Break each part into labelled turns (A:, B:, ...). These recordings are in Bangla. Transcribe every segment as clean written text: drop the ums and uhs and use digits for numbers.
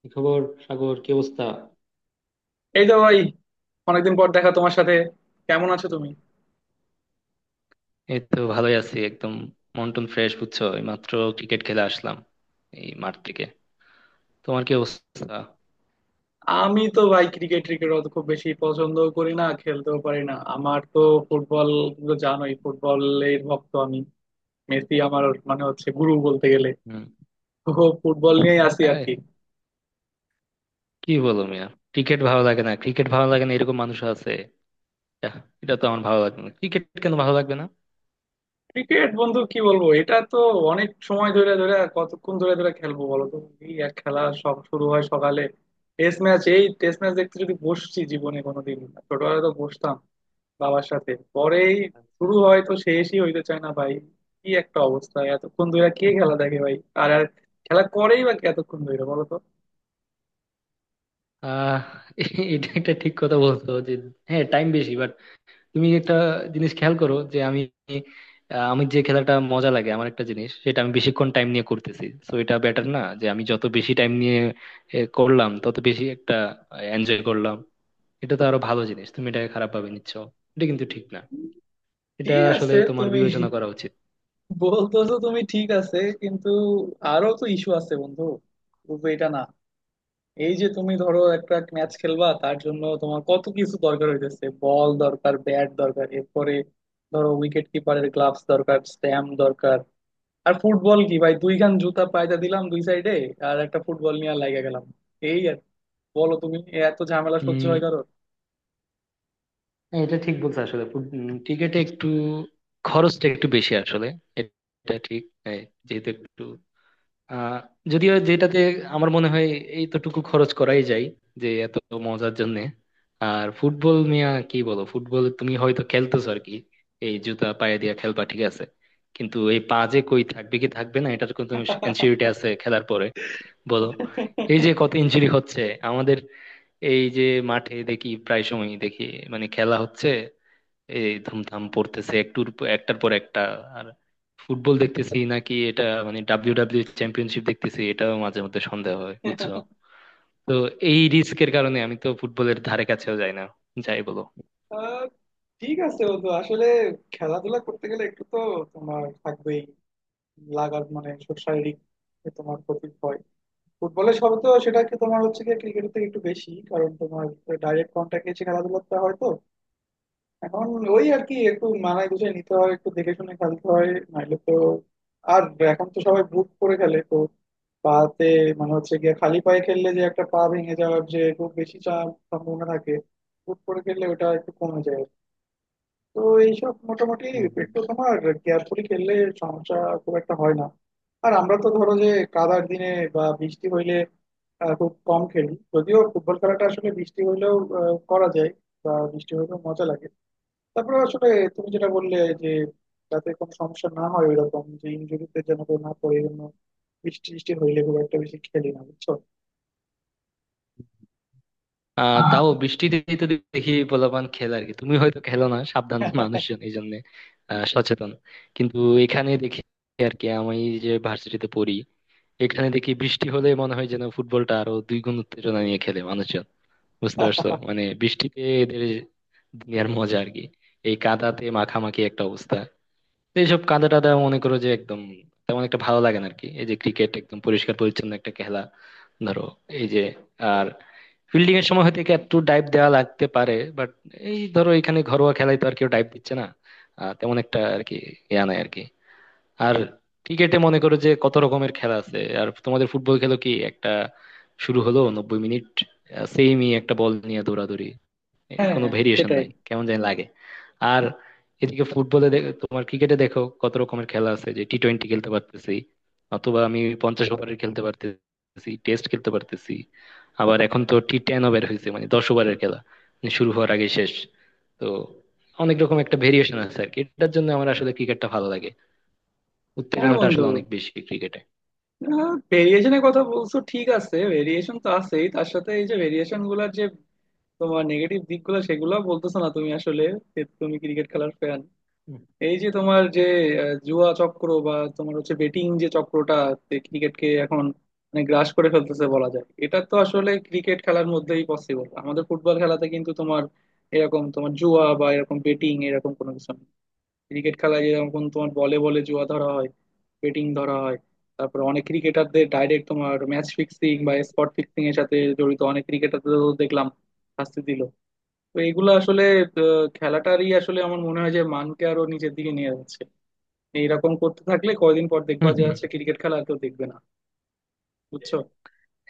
A: কি খবর? সাগর, কি অবস্থা?
B: এই তো ভাই, অনেকদিন পর দেখা তোমার সাথে। কেমন আছো তুমি?
A: এই তো ভালোই আছি একদম। মন টন ফ্রেশ, বুঝছো? এই মাত্র ক্রিকেট খেলে আসলাম, এই মাঠ থেকে। তোমার কি অবস্থা?
B: আমি তো ভাই ক্রিকেট ক্রিকেট অত খুব বেশি পছন্দ করি না, খেলতেও পারি না। আমার তো ফুটবল, তুমি তো জানোই, ফুটবলের ভক্ত আমি। মেসি আমার মানে হচ্ছে গুরু বলতে গেলে।
A: হম।
B: তো ফুটবল নিয়েই আসি আর
A: হ্যাঁ,
B: কি।
A: কি বলো মিয়া, ক্রিকেট ভালো লাগে না, ক্রিকেট ভালো লাগে না এরকম মানুষ আছে? আহ, এটা তো, আমার ভালো লাগে না ক্রিকেট কেন ভালো লাগবে না?
B: ক্রিকেট বন্ধু কি বলবো, এটা তো অনেক সময় ধরে ধরে, কতক্ষণ ধরে ধরে খেলবো বলো তো? এই এক খেলা, সব শুরু হয় সকালে। টেস্ট ম্যাচ, এই টেস্ট ম্যাচ দেখতে যদি বসছি জীবনে কোনোদিন, ছোটবেলায় তো বসতাম বাবার সাথে, পরেই
A: আচ্ছা।
B: শুরু হয় তো শেষই হইতে চায় না ভাই। কি একটা অবস্থা, এতক্ষণ ধরে কে খেলা দেখে ভাই! আর আর খেলা করেই বা কে এতক্ষণ ধরে বলো তো?
A: আহ এটা একটা ঠিক কথা বলছো যে হ্যাঁ, টাইম বেশি। তুমি একটা জিনিস খেয়াল করো যে আমি, আমি যে খেলাটা মজা লাগে আমার, একটা জিনিস সেটা আমি বেশিক্ষণ টাইম নিয়ে করতেছি তো এটা বেটার না? যে আমি যত বেশি টাইম নিয়ে করলাম তত বেশি একটা এনজয় করলাম। এটা তো আরো ভালো জিনিস, তুমি এটাকে খারাপ ভাবে নিচ্ছ। এটা কিন্তু ঠিক না। এটা
B: ঠিক
A: আসলে
B: আছে
A: তোমার
B: তুমি
A: বিবেচনা করা উচিত।
B: বলতেছো, তুমি ঠিক আছে, কিন্তু আরো তো ইস্যু আছে বন্ধু, শুধু এটা না। এই যে তুমি ধরো একটা ম্যাচ
A: আচ্ছা।
B: খেলবা, তার জন্য তোমার কত কিছু দরকার হইতেছে, বল দরকার, ব্যাট দরকার, এরপরে ধরো উইকেট কিপারের গ্লাভস দরকার, স্ট্যাম্প দরকার। আর ফুটবল কি ভাই, দুইখান জুতা পায়দা দিলাম দুই সাইডে, আর একটা ফুটবল নিয়ে লাগা গেলাম, এই আর কি। বলো তুমি, এত ঝামেলা সহ্য হয়
A: উম
B: কারো?
A: হ্যাঁ, এটা ঠিক বলছো আসলে। ক্রিকেটে একটু খরচটা একটু বেশি আসলে, এটা ঠিক। এই, যেহেতু একটু আহ যদিও যেটাতে আমার মনে হয় এইতটুকু খরচ করাই যায় যে, এত মজার জন্য। আর ফুটবল নিয়ে কি বলো, ফুটবল তুমি হয়তো খেলতেছো আর কি, এই জুতা পায়ে দিয়ে খেলবা, ঠিক আছে। কিন্তু এই পা যে কই থাকবে, কি থাকবে না, এটার কোনো এনসিউরিটি আছে খেলার পরে? বলো। এই যে কত ইনজুরি হচ্ছে আমাদের, এই যে মাঠে দেখি, প্রায় সময় দেখি, মানে খেলা হচ্ছে, এই ধুমধাম পড়তেছে একটার পর একটা। আর ফুটবল দেখতেছি নাকি এটা, মানে ডাব্লিউ ডাব্লিউ চ্যাম্পিয়নশিপ দেখতেছি এটাও মাঝে মধ্যে সন্দেহ হয়, বুঝছো? তো এই রিস্কের কারণে আমি তো ফুটবলের ধারে কাছেও যাই না, যাই বলো।
B: আহ, ঠিক আছে বন্ধু, আসলে খেলাধুলা করতে গেলে একটু তো তোমার থাকবেই লাগার, মানে শারীরিক যে তোমার ক্ষতি হয়। ফুটবলের সবে তো সেটা কি তোমার হচ্ছে কি ক্রিকেটের থেকে একটু বেশি, কারণ তোমার ডাইরেক্ট কন্ট্যাক্ট এসে খেলাধুলা হয় তো। এখন ওই আর কি, একটু মানায় গুছিয়ে নিতে হয়, একটু দেখে শুনে খেলতে হয়, নাইলে তো আর। এখন তো সবাই বুট করে খেলে তো পাতে, মানে হচ্ছে গিয়ে খালি পায়ে খেললে যে একটা পা ভেঙে যাওয়ার যে খুব বেশি চাপ সম্ভাবনা থাকে, বুট করে খেললে ওটা একটু কমে যায়। তো এইসব মোটামুটি
A: হুম, হুম।
B: একটু তোমার কেয়ারফুলি খেললে সমস্যা খুব একটা হয় না। আর আমরা তো ধরো যে কাদার দিনে বা বৃষ্টি হইলে খুব কম খেলি, যদিও ফুটবল খেলাটা আসলে বৃষ্টি হইলেও করা যায়, বা বৃষ্টি হইলেও মজা লাগে। তারপরে আসলে তুমি যেটা বললে, যে যাতে কোনো সমস্যা না হয়, ওইরকম যে ইনজুরিতে যেন কেউ না পড়ে, এই জন্য বৃষ্টি টিষ্টি হইলে খুব একটা বেশি খেলি না, বুঝছো। হ্যাঁ
A: তাও বৃষ্টিতে তো দেখি পোলাপান খেলে আর কি, তুমি হয়তো খেলো না, সাবধান মানুষজন এই জন্য, সচেতন। কিন্তু এখানে দেখি আর কি, আমি যে ভার্সিটিতে পড়ি এখানে, দেখি বৃষ্টি হলে মনে হয় যেন ফুটবলটা আরো 2 গুণ উত্তেজনা নিয়ে খেলে মানুষজন। বুঝতে পারছো, মানে বৃষ্টিতে এদের দুনিয়ার মজা আর কি, এই কাদাতে মাখামাখি একটা অবস্থা। তো এইসব কাদা টাদা, মনে করো যে একদম তেমন একটা ভালো লাগে না আর কি। এই যে ক্রিকেট একদম পরিষ্কার পরিচ্ছন্ন একটা খেলা, ধরো, এই যে, আর ফিল্ডিং এর সময় হয়তো একে একটু ডাইভ দেওয়া লাগতে পারে, বাট এই ধরো এখানে ঘরোয়া খেলায় তো আর কেউ ডাইভ দিচ্ছে না। তেমন একটা আর কি ইয়া নাই আর কি। আর ক্রিকেটে মনে করো যে কত রকমের খেলা আছে, আর তোমাদের ফুটবল খেলো কি, একটা শুরু হলো, 90 মিনিট সেমই একটা বল নিয়ে দৌড়াদৌড়ি। এই কোনো ভেরিয়েশন
B: সেটাই।
A: নাই, কেমন জানি লাগে। আর এদিকে ফুটবলে, তোমার ক্রিকেটে দেখো কত রকমের খেলা আছে, যে টি20 খেলতে পারতেছি অথবা আমি 50 ওভারের খেলতে পারতেছি, টেস্ট খেলতে পারতেছি। আবার এখন তো টি10 ওভার হয়েছে, মানে 10 ওভারের খেলা, মানে শুরু হওয়ার আগে শেষ। তো অনেক রকম একটা ভেরিয়েশন আছে আর কি, এটার জন্য আমার আসলে ক্রিকেটটা ভালো লাগে।
B: হ্যাঁ
A: উত্তেজনাটা
B: বন্ধু,
A: আসলে অনেক বেশি ক্রিকেটে।
B: ভেরিয়েশনের কথা বলছো, ঠিক আছে, ভেরিয়েশন তো আছেই, তার সাথে এই যে ভেরিয়েশন গুলার যে তোমার নেগেটিভ দিকগুলো সেগুলো বলতেছো না তুমি আসলে। যে তুমি ক্রিকেট খেলার ফ্যান, এই যে তোমার যে জুয়া চক্র বা তোমার হচ্ছে বেটিং যে চক্রটা ক্রিকেটকে এখন মানে গ্রাস করে ফেলতেছে বলা যায়, এটা তো আসলে ক্রিকেট খেলার মধ্যেই পসিবল। আমাদের ফুটবল খেলাতে কিন্তু তোমার এরকম তোমার জুয়া বা এরকম বেটিং এরকম কোনো কিছু নেই। ক্রিকেট খেলায় যেরকম তোমার বলে বলে জুয়া ধরা হয়, বেটিং ধরা হয়, তারপর অনেক ক্রিকেটারদের ডাইরেক্ট তোমার ম্যাচ ফিক্সিং বা স্পট ফিক্সিং এর সাথে জড়িত অনেক ক্রিকেটারদের দেখলাম শাস্তি দিল। তো এগুলো আসলে খেলাটারই আসলে আমার মনে হয় যে মানকে আরো নিচের দিকে নিয়ে যাচ্ছে। এইরকম করতে থাকলে কয়দিন পর দেখবা
A: হুম
B: যে
A: হুম।
B: হচ্ছে ক্রিকেট খেলা আর কেউ দেখবে না, বুঝছো।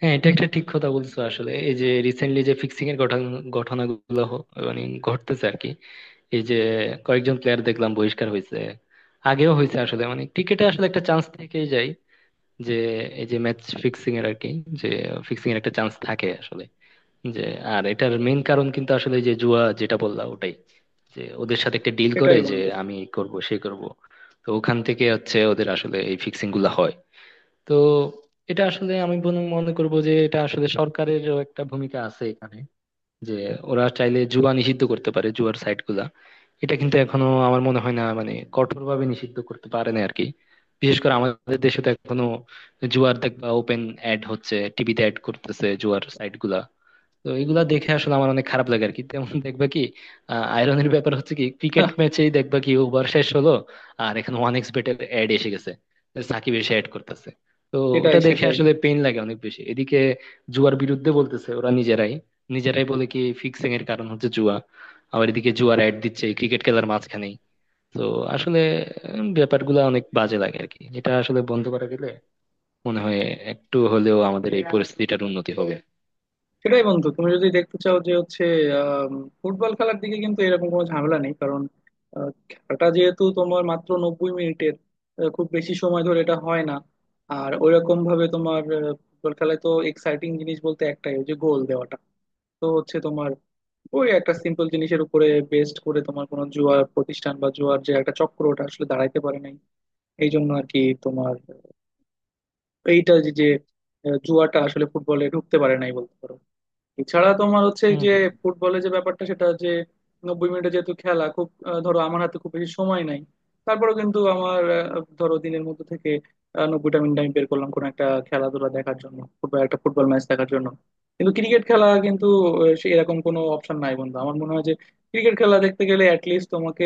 A: হ্যাঁ, এটা একটা ঠিক কথা বলছো আসলে। এই যে রিসেন্টলি যে ফিক্সিং এর ঘটনা, ঘটনাগুলো হ- মানে ঘটতেছে আর কি। এই যে কয়েকজন প্লেয়ার দেখলাম বহিষ্কার হয়েছে, আগেও হয়েছে আসলে। মানে ক্রিকেটে আসলে একটা চান্স থেকেই যায় যে, এই যে ম্যাচ ফিক্সিং এর আর কি, যে ফিক্সিং এর একটা চান্স থাকে আসলে, যে। আর এটার মেইন কারণ কিন্তু আসলে এই যে জুয়া, যেটা বললাম ওটাই, যে ওদের সাথে একটা ডিল করে
B: সেটাই
A: যে
B: বন্ধু।
A: আমি এই করব, সে করব। তো ওখান থেকে হচ্ছে ওদের আসলে এই ফিক্সিং গুলা হয়। তো এটা আসলে আমি মনে করব যে এটা আসলে সরকারেরও একটা ভূমিকা আছে এখানে, যে ওরা চাইলে জুয়া নিষিদ্ধ করতে পারে, জুয়ার সাইট গুলা। এটা কিন্তু এখনো আমার মনে হয় না মানে কঠোর ভাবে নিষিদ্ধ করতে পারে না আরকি, বিশেষ করে আমাদের দেশে তো এখনো। জুয়ার দেখবা ওপেন অ্যাড হচ্ছে, টিভিতে অ্যাড করতেছে জুয়ার সাইট গুলা। তো এগুলা দেখে আসলে আমার অনেক খারাপ লাগে আর কি। তেমন দেখবা কি, আয়রনের ব্যাপার হচ্ছে কি ক্রিকেট ম্যাচেই দেখবা কি ওভার শেষ হলো, আর এখানে ওয়ান এক্স বেটের অ্যাড এসে গেছে, সাকিব এসে অ্যাড করতেছে। তো
B: সেটাই,
A: ওটা দেখে
B: সেটাই।
A: আসলে পেইন লাগে অনেক বেশি। এদিকে জুয়ার বিরুদ্ধে বলতেছে ওরা নিজেরাই, নিজেরাই বলে কি ফিক্সিং এর কারণ হচ্ছে জুয়া, আবার এদিকে জুয়ার অ্যাড দিচ্ছে ক্রিকেট খেলার মাঝখানেই। তো আসলে ব্যাপারগুলো অনেক বাজে লাগে আর কি। এটা আসলে বন্ধ করা গেলে মনে হয় একটু হলেও আমাদের এই পরিস্থিতিটার উন্নতি হবে।
B: সেটাই বন্ধু, তুমি যদি দেখতে চাও যে হচ্ছে আম, ফুটবল খেলার দিকে কিন্তু এরকম কোনো ঝামেলা নেই, কারণ খেলাটা যেহেতু তোমার মাত্র 90 মিনিটের, খুব বেশি সময় ধরে এটা হয় না। আর ওইরকম ভাবে তোমার ফুটবল খেলায় তো এক্সাইটিং জিনিস বলতে একটাই, ওই যে গোল দেওয়াটা। তো হচ্ছে তোমার ওই একটা সিম্পল জিনিসের উপরে বেস্ট করে তোমার কোনো জুয়া প্রতিষ্ঠান বা জুয়ার যে একটা চক্র ওটা আসলে দাঁড়াইতে পারে নাই। এই জন্য আর কি তোমার এইটা যে যে, জুয়াটা আসলে ফুটবলে ঢুকতে পারে নাই বলতে পারো। এছাড়া তোমার হচ্ছে এই
A: হম
B: যে
A: হম।
B: ফুটবলে যে ব্যাপারটা, সেটা যে 90 মিনিটে যেহেতু খেলা, খুব ধরো আমার হাতে খুব বেশি সময় নাই, তারপরেও কিন্তু আমার ধরো দিনের মধ্যে থেকে 90টা মিনিট আমি বের করলাম কোনো একটা খেলাধুলা দেখার জন্য, ফুটবল একটা ফুটবল ম্যাচ দেখার জন্য। কিন্তু ক্রিকেট খেলা কিন্তু সে এরকম কোনো অপশন নাই বন্ধু। আমার মনে হয় যে ক্রিকেট খেলা দেখতে গেলে অ্যাটলিস্ট তোমাকে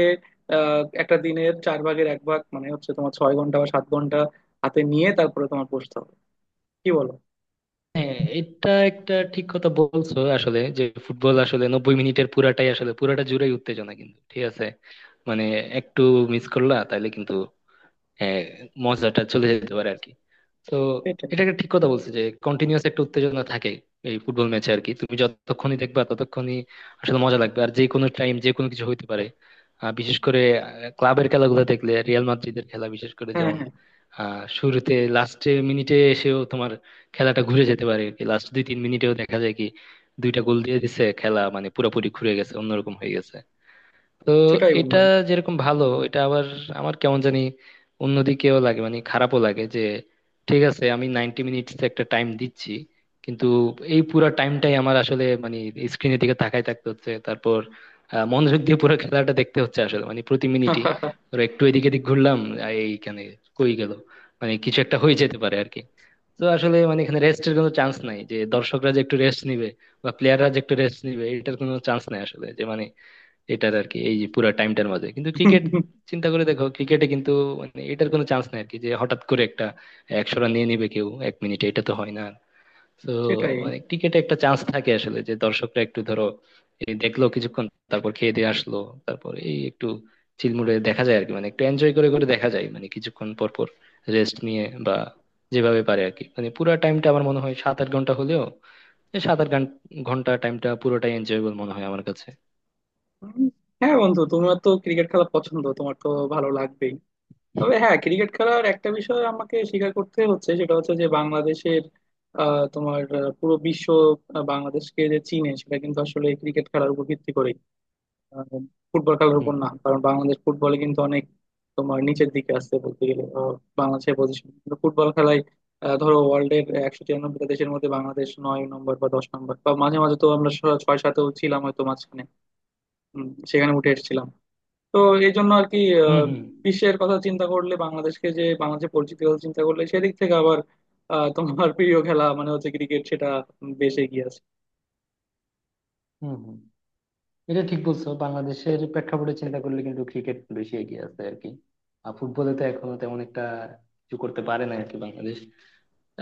B: একটা দিনের চার ভাগের এক ভাগ, মানে হচ্ছে তোমার 6 ঘন্টা বা 7 ঘন্টা হাতে নিয়ে তারপরে তোমার বসতে হবে, কি বলো?
A: হ্যাঁ, এটা একটা ঠিক কথা বলছো আসলে, যে ফুটবল আসলে 90 মিনিটের পুরাটাই আসলে, পুরাটা জুড়েই উত্তেজনা, কিন্তু ঠিক আছে, মানে একটু মিস করলা তাহলে কিন্তু, হ্যাঁ, মজাটা চলে যেতে পারে আর কি। তো
B: সেটাই।
A: এটা একটা ঠিক কথা বলছো যে কন্টিনিউয়াস একটা উত্তেজনা থাকে এই ফুটবল ম্যাচে আর কি। তুমি যতক্ষণই দেখবা ততক্ষণই আসলে মজা লাগবে, আর যে কোনো টাইম যে কোনো কিছু হইতে পারে। বিশেষ করে ক্লাবের খেলাগুলো দেখলে, রিয়াল মাদ্রিদের খেলা বিশেষ করে
B: হ্যাঁ
A: যেমন,
B: হ্যাঁ,
A: শুরুতে লাস্টের মিনিটে এসেও তোমার খেলাটা ঘুরে যেতে পারে আর কি, লাস্ট 2-3 মিনিটেও দেখা যায় কি দুইটা গোল দিয়ে দিছে, খেলা মানে পুরোপুরি ঘুরে গেছে, অন্যরকম হয়ে গেছে। তো
B: সেটাই
A: এটা
B: বন্ধু।
A: যেরকম ভালো, এটা আবার আমার কেমন জানি অন্যদিকেও লাগে, মানে খারাপও লাগে যে ঠিক আছে আমি 90 মিনিটস একটা টাইম দিচ্ছি, কিন্তু এই পুরো টাইমটাই আমার আসলে মানে স্ক্রিনের দিকে তাকাই থাকতে হচ্ছে। তারপর মনোযোগ দিয়ে পুরো খেলাটা দেখতে হচ্ছে আসলে, মানে প্রতি মিনিটই, ধরো একটু এদিক এদিক ঘুরলাম, এইখানে কই গেল, মানে কিছু একটা হয়ে যেতে পারে আর কি। তো আসলে মানে এখানে রেস্টের কোনো চান্স নাই, যে দর্শকরা যে একটু রেস্ট নিবে বা প্লেয়াররা যে একটু রেস্ট নিবে, এটার কোনো চান্স নাই আসলে, যে মানে এটার আর কি এই যে পুরো টাইমটার মাঝে। কিন্তু ক্রিকেট চিন্তা করে দেখো, ক্রিকেটে কিন্তু মানে এটার কোনো চান্স নাই আর কি, যে হঠাৎ করে একটা 100 রান নিয়ে নিবে কেউ এক মিনিটে, এটা তো হয় না। তো
B: সেটাই।
A: মানে ক্রিকেটে একটা চান্স থাকে আসলে, যে দর্শকরা একটু ধরো এই দেখলো কিছুক্ষণ, তারপর খেয়ে দিয়ে আসলো, তারপর এই একটু চিলমুড়ে দেখা যায় আর কি, মানে একটু এনজয় করে করে দেখা যায় মানে কিছুক্ষণ পর পর, রেস্ট নিয়ে বা যেভাবে পারে আর কি। মানে পুরো টাইমটা আমার মনে হয় 7-8 ঘন্টা হলেও, এই ঘন্টা টাইমটা পুরোটাই এনজয়েবল মনে হয় আমার কাছে।
B: উম, হ্যাঁ বন্ধু, তোমার তো ক্রিকেট খেলা পছন্দ, তোমার তো ভালো লাগবেই। তবে হ্যাঁ, ক্রিকেট খেলার একটা বিষয় আমাকে স্বীকার করতে হচ্ছে, সেটা হচ্ছে যে বাংলাদেশের তোমার পুরো বিশ্ব বাংলাদেশকে যে চিনে সেটা কিন্তু আসলে ক্রিকেট খেলার উপর ভিত্তি করেই, আহ, ফুটবল খেলার
A: হুম
B: উপর না, কারণ বাংলাদেশ ফুটবলে কিন্তু অনেক তোমার নিচের দিকে আসছে বলতে গেলে। বাংলাদেশের পজিশন কিন্তু ফুটবল খেলায় ধরো ওয়ার্ল্ডের 193টা দেশের মধ্যে বাংলাদেশ 9 নম্বর বা 10 নম্বর, বা মাঝে মাঝে তো আমরা ছয় সাতেও ছিলাম হয়তো মাঝখানে, সেখানে উঠে এসেছিলাম। তো এই জন্য আর কি,
A: হুম।
B: আহ,
A: হুম
B: বিশ্বের কথা চিন্তা করলে বাংলাদেশকে যে, বাংলাদেশের পরিচিতি কথা চিন্তা করলে সেদিক থেকে আবার তোমার প্রিয় খেলা মানে হচ্ছে ক্রিকেট, সেটা বেশ এগিয়ে আছে।
A: হুম হুম। এটা ঠিক বলছো, বাংলাদেশের প্রেক্ষাপটে চিন্তা করলে কিন্তু ক্রিকেট বেশি এগিয়ে আছে আর কি। আর ফুটবলে তো এখনো তেমন একটা কিছু করতে পারে না আর কি বাংলাদেশ।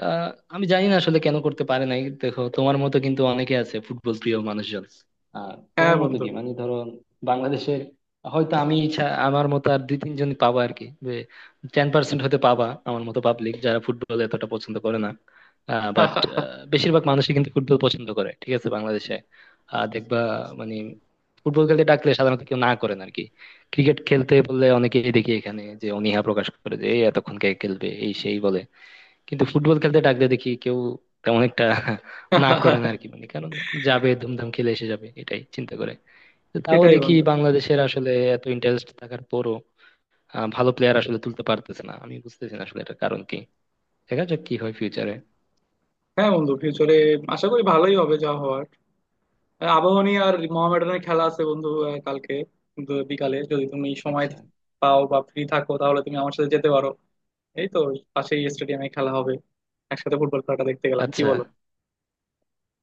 A: আহ আমি জানি না আসলে কেন করতে পারে নাই, দেখো তোমার মতো কিন্তু অনেকে আছে ফুটবল প্রিয় মানুষজন। আর
B: হ্যাঁ
A: তোমার মতো
B: বন্ধু।
A: কি মানে, ধরো বাংলাদেশের, হয়তো আমি আমার মতো আর 2-3 জন পাবা আর কি, যে 10% হতে পাবা আমার মতো পাবলিক যারা ফুটবল এতটা পছন্দ করে না। বাট বেশিরভাগ মানুষই কিন্তু ফুটবল পছন্দ করে, ঠিক আছে, বাংলাদেশে। আহ, দেখবা মানে ফুটবল খেলতে ডাকলে সাধারণত কেউ না করেন আর কি। ক্রিকেট খেলতে বললে অনেকেই দেখি এখানে যে অনীহা প্রকাশ করে যে এই এতক্ষণ কে খেলবে এই সেই বলে, কিন্তু ফুটবল খেলতে ডাকলে দেখি কেউ তেমন একটা না করে না আর কি। মানে কারণ, যাবে ধুমধাম খেলে এসে যাবে, এটাই চিন্তা করে। তো তাও
B: সেটাই
A: দেখি
B: বন্ধু।
A: বাংলাদেশের আসলে এত ইন্টারেস্ট থাকার পরও ভালো প্লেয়ার আসলে তুলতে পারতেছে না, আমি বুঝতেছি না আসলে এটার কারণ কি। দেখা যাক কি হয় ফিউচারে।
B: হ্যাঁ বন্ধু, ফিউচারে আশা করি ভালোই হবে যা হওয়ার। আবাহনী আর মোহামেডানের খেলা আছে বন্ধু, কালকে বিকালে, যদি তুমি সময়
A: আচ্ছা।
B: পাও বা ফ্রি থাকো তাহলে তুমি আমার সাথে যেতে পারো। এই তো পাশেই স্টেডিয়ামে খেলা হবে, একসাথে ফুটবল খেলাটা দেখতে গেলাম, কি
A: আচ্ছা।
B: বলো?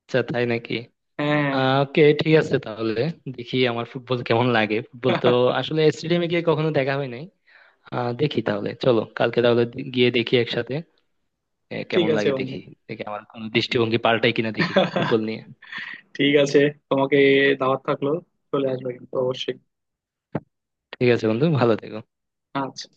A: আচ্ছা, তাই নাকি?
B: হ্যাঁ।
A: ওকে, ঠিক আছে তাহলে। দেখি আমার ফুটবল কেমন লাগে, ফুটবল তো আসলে স্টেডিয়ামে গিয়ে কখনো দেখা হয় নাই। দেখি তাহলে, চলো কালকে তাহলে গিয়ে দেখি একসাথে,
B: ঠিক
A: কেমন
B: আছে
A: লাগে
B: বন্ধু,
A: দেখি। দেখি আমার কোনো দৃষ্টিভঙ্গি পাল্টাই কিনা, দেখি ফুটবল নিয়ে।
B: ঠিক আছে। তোমাকে দাওয়াত থাকলো, চলে আসবে কিন্তু অবশ্যই।
A: ঠিক আছে বন্ধু, ভালো থেকো।
B: আচ্ছা।